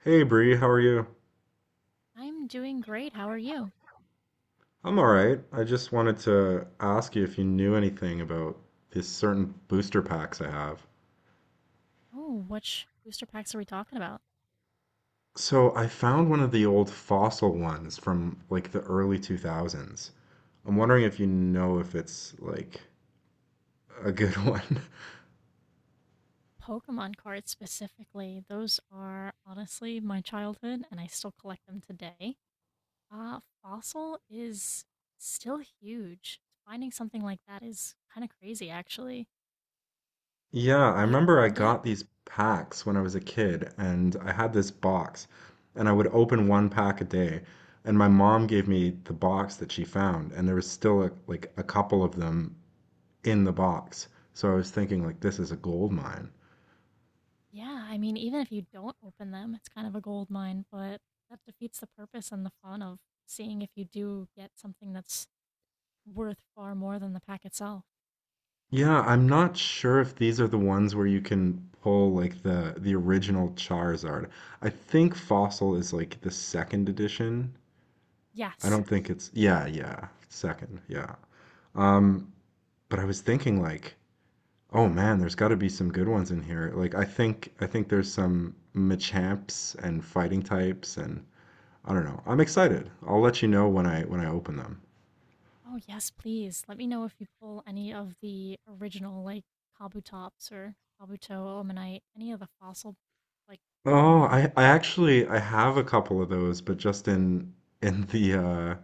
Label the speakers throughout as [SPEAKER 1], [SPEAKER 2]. [SPEAKER 1] Hey Bree, how are you?
[SPEAKER 2] I'm doing great. How are you?
[SPEAKER 1] I'm all right. I just wanted to ask you if you knew anything about these certain booster packs I have.
[SPEAKER 2] Oh, which booster packs are we talking about?
[SPEAKER 1] So I found one of the old fossil ones from like the early 2000s. I'm wondering if you know if it's like a good one.
[SPEAKER 2] Pokemon cards specifically. Those are honestly my childhood, and I still collect them today. Fossil is still huge. Finding something like that is kind of crazy, actually.
[SPEAKER 1] Yeah, I
[SPEAKER 2] Have you
[SPEAKER 1] remember I
[SPEAKER 2] opened it?
[SPEAKER 1] got these packs when I was a kid, and I had this box, and I would open one pack a day. And my mom gave me the box that she found, and there was still a, like a couple of them in the box. So I was thinking like this is a gold mine.
[SPEAKER 2] Yeah, I mean, even if you don't open them, it's kind of a gold mine, but that defeats the purpose and the fun of seeing if you do get something that's worth far more than the pack itself.
[SPEAKER 1] Yeah, I'm not sure if these are the ones where you can pull like the original Charizard. I think Fossil is like the second edition. I
[SPEAKER 2] Yes.
[SPEAKER 1] don't think it's yeah, yeah, second, yeah. Um, but I was thinking like, oh man, there's got to be some good ones in here. Like I think there's some Machamps and fighting types and I don't know. I'm excited. I'll let you know when I open them.
[SPEAKER 2] Oh, yes, please. Let me know if you pull any of the original, like Kabutops or Kabuto, Omanite, any of the fossil, like
[SPEAKER 1] Oh,
[SPEAKER 2] Pokemon.
[SPEAKER 1] I actually I have a couple of those, but just in the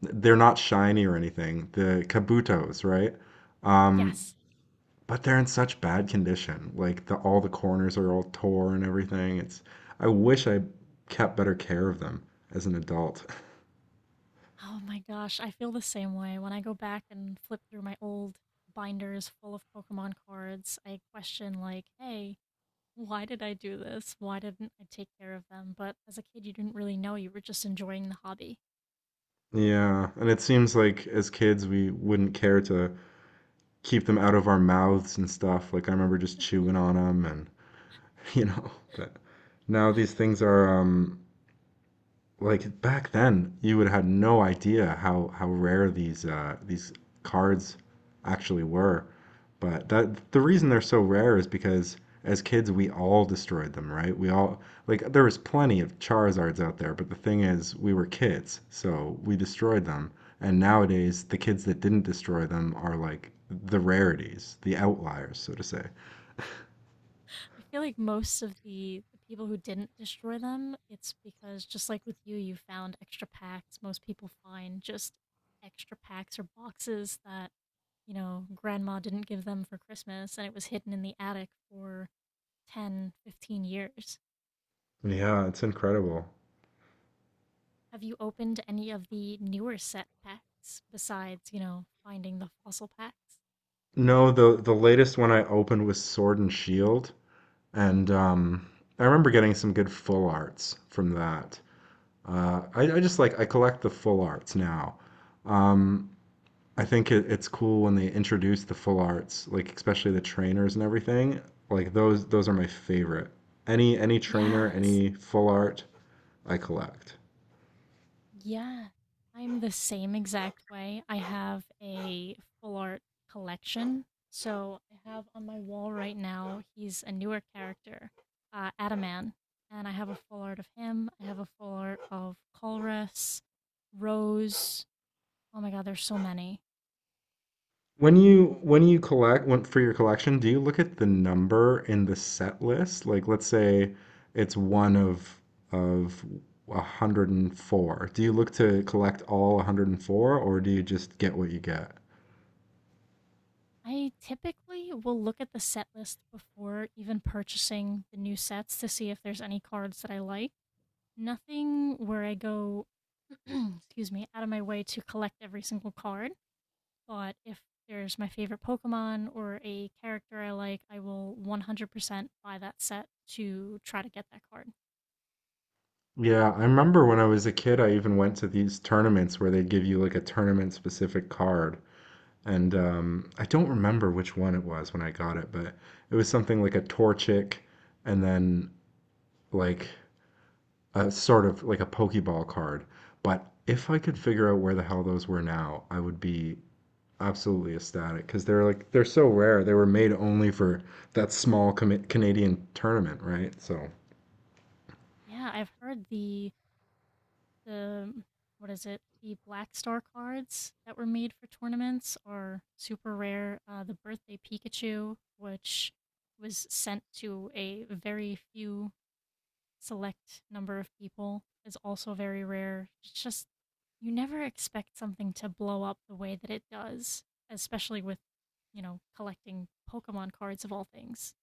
[SPEAKER 1] they're not shiny or anything. The Kabutos, right? Um,
[SPEAKER 2] Yes.
[SPEAKER 1] but they're in such bad condition. Like the all the corners are all tore and everything. It's I wish I kept better care of them as an adult.
[SPEAKER 2] Oh my gosh, I feel the same way. When I go back and flip through my old binders full of Pokemon cards, I question, like, hey, why did I do this? Why didn't I take care of them? But as a kid, you didn't really know. You were just enjoying the hobby.
[SPEAKER 1] Yeah, and it seems like as kids we wouldn't care to keep them out of our mouths and stuff. Like I remember just chewing on them and you know, but now these things are like back then you would have had no idea how how rare these cards actually were. But that the reason they're so rare is because as kids we all destroyed them, right? We all like there was plenty of Charizards out there, but the thing is we were kids, so we destroyed them. And nowadays the kids that didn't destroy them are like the rarities, the outliers, so to say.
[SPEAKER 2] I feel like most of the people who didn't destroy them, it's because just like with you, you found extra packs. Most people find just extra packs or boxes that, you know, grandma didn't give them for Christmas and it was hidden in the attic for 10, 15 years.
[SPEAKER 1] Yeah, it's incredible.
[SPEAKER 2] Have you opened any of the newer set packs besides, you know, finding the fossil packs?
[SPEAKER 1] No, the latest one I opened was Sword and Shield, and I remember getting some good full arts from that. I just like I collect the full arts now. Um, I think it's cool when they introduce the full arts, like especially the trainers and everything. Like those are my favorite. Any trainer,
[SPEAKER 2] Yes.
[SPEAKER 1] any full art, I collect.
[SPEAKER 2] Yeah, I'm the same exact way. I have a full art collection. So I have on my wall right now, he's a newer character, Adaman. And I have a full art of him. I have a full art of Colress, Rose. Oh my God, there's so many.
[SPEAKER 1] When you collect when, for your collection, do you look at the number in the set list? Like, let's say it's one of 104. Do you look to collect all 104, or do you just get what you get?
[SPEAKER 2] I typically will look at the set list before even purchasing the new sets to see if there's any cards that I like. Nothing where I go, excuse me, out of my way to collect every single card. But if there's my favorite Pokemon or a character I like, I will 100% buy that set to try to get that card.
[SPEAKER 1] Yeah, I remember when I was a kid, I even went to these tournaments where they'd give you like a tournament specific card. And I don't remember which one it was when I got it, but it was something like a Torchic and then like a sort of like a Pokeball card, but if I could figure out where the hell those were now, I would be absolutely ecstatic because they're like they're so rare. They were made only for that Canadian tournament, right? So
[SPEAKER 2] Yeah, I've heard the what is it? The Black Star cards that were made for tournaments are super rare. The Birthday Pikachu, which was sent to a very few select number of people is also very rare. It's just you never expect something to blow up the way that it does, especially with, you know, collecting Pokemon cards of all things.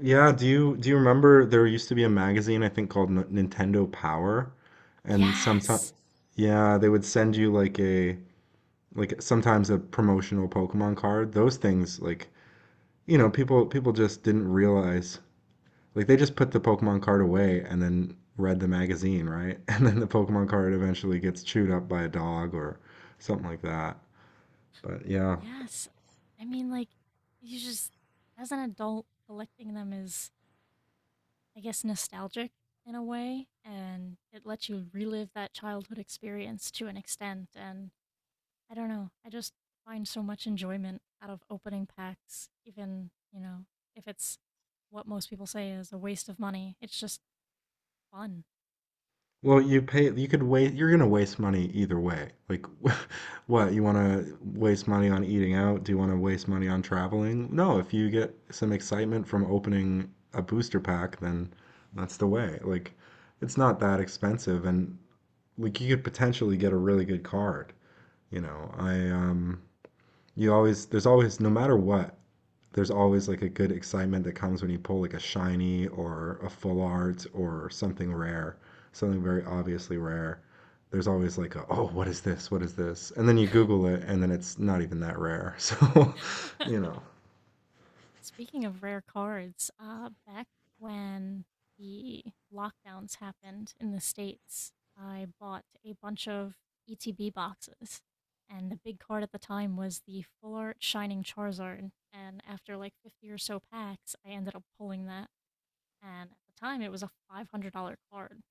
[SPEAKER 1] yeah, do you remember there used to be a magazine I think called Nintendo Power, and sometimes
[SPEAKER 2] Yes.
[SPEAKER 1] yeah they would send you like a like sometimes a promotional Pokemon card. Those things like you know people just didn't realize like they just put the Pokemon card away and then read the magazine, right? And then the Pokemon card eventually gets chewed up by a dog or something like that. But yeah.
[SPEAKER 2] Yes. I mean, like, you just as an adult collecting them is I guess nostalgic in a way and it lets you relive that childhood experience to an extent and I don't know. I just find so much enjoyment out of opening packs, even, you know, if it's what most people say is a waste of money. It's just fun.
[SPEAKER 1] Well, you pay you could wait you're gonna waste money either way. Like what, you wanna waste money on eating out? Do you wanna waste money on traveling? No, if you get some excitement from opening a booster pack, then that's the way. Like it's not that expensive and like you could potentially get a really good card. You know, I you always, there's always, no matter what, there's always like a good excitement that comes when you pull like a shiny or a full art or something rare, something very obviously rare. There's always like a, oh, what is this? What is this? And then you Google it and then it's not even that rare. So, you know.
[SPEAKER 2] Speaking of rare cards, back when the lockdowns happened in the States, I bought a bunch of ETB boxes. And the big card at the time was the Full Art Shining Charizard. And after like 50 or so packs, I ended up pulling that. And at the time, it was a $500 card.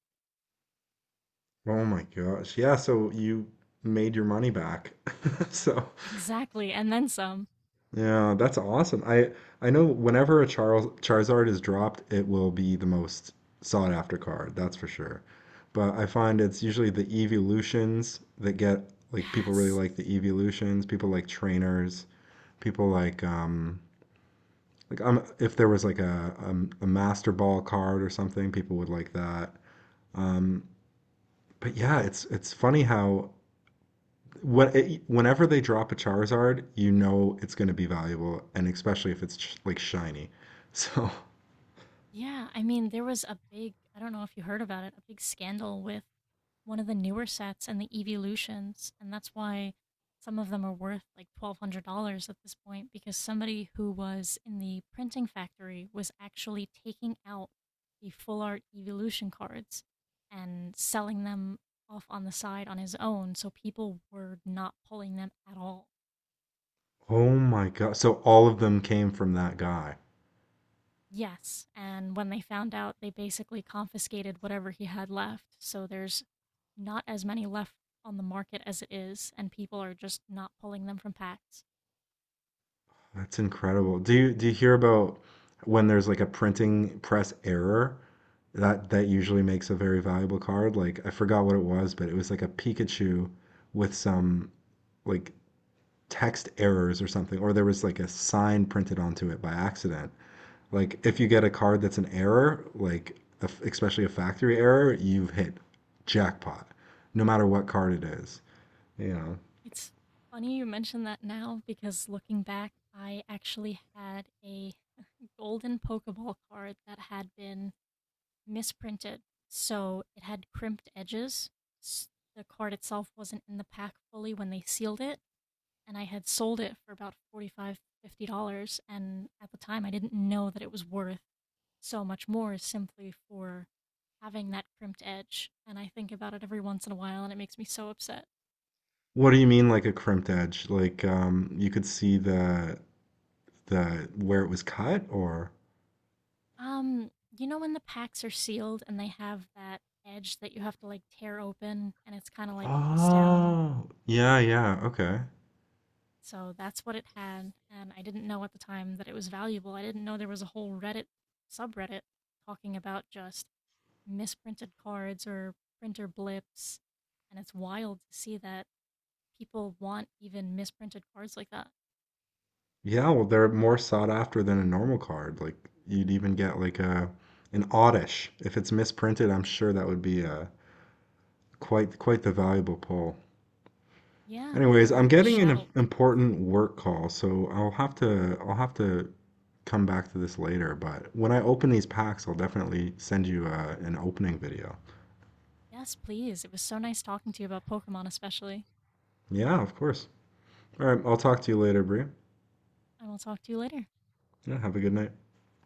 [SPEAKER 1] Oh my gosh. Yeah, so you made your money back. So
[SPEAKER 2] Exactly, and then some.
[SPEAKER 1] yeah, that's awesome. I know whenever a Charles Charizard is dropped, it will be the most sought after card, that's for sure. But I find it's usually the evolutions that get like people really
[SPEAKER 2] Yes.
[SPEAKER 1] like the evolutions, people like trainers, people like if there was like a Master Ball card or something, people would like that. Um but yeah, it's funny how when, whenever they drop a Charizard, you know it's going to be valuable, and especially if it's like shiny. So,
[SPEAKER 2] Yeah, I mean, there was a big, I don't know if you heard about it, a big scandal with one of the newer sets and the Evolutions, and that's why some of them are worth like $1,200 at this point because somebody who was in the printing factory was actually taking out the full art Evolution cards and selling them off on the side on his own, so people were not pulling them at all.
[SPEAKER 1] oh my God. So all of them came from that guy.
[SPEAKER 2] Yes, and when they found out, they basically confiscated whatever he had left. So there's not as many left on the market as it is, and people are just not pulling them from packs.
[SPEAKER 1] That's incredible. Do you hear about when there's like a printing press error? That usually makes a very valuable card. Like I forgot what it was, but it was like a Pikachu with some like text errors or something, or there was like a sign printed onto it by accident. Like if you get a card that's an error, like especially a factory error, you've hit jackpot, no matter what card it is. You know.
[SPEAKER 2] It's funny you mention that now because looking back, I actually had a golden Pokeball card that had been misprinted. So it had crimped edges. S- The card itself wasn't in the pack fully when they sealed it, and I had sold it for about $45, $50, and at the time I didn't know that it was worth so much more simply for having that crimped edge. And I think about it every once in a while, and it makes me so upset.
[SPEAKER 1] What do you mean like a crimped edge? Like you could see the where it was cut or
[SPEAKER 2] Um, you know when the packs are sealed and they have that edge that you have to like tear open, and it's kind of like pressed down.
[SPEAKER 1] oh, yeah, yeah, okay.
[SPEAKER 2] So that's what it had, and I didn't know at the time that it was valuable. I didn't know there was a whole Reddit subreddit talking about just misprinted cards or printer blips. And it's wild to see that people want even misprinted cards like that.
[SPEAKER 1] Yeah, well they're more sought after than a normal card. Like you'd even get like a an oddish. If it's misprinted, I'm sure that would be a quite the valuable pull.
[SPEAKER 2] Yeah,
[SPEAKER 1] Anyways, I'm
[SPEAKER 2] the
[SPEAKER 1] getting an
[SPEAKER 2] shadowless ones.
[SPEAKER 1] important work call, so I'll have to come back to this later, but when I open these packs, I'll definitely send you an opening video.
[SPEAKER 2] Yes, please. It was so nice talking to you about Pokemon especially.
[SPEAKER 1] Yeah, of course. All right, I'll talk to you later, Bria.
[SPEAKER 2] I will talk to you later.
[SPEAKER 1] Yeah, have a good night.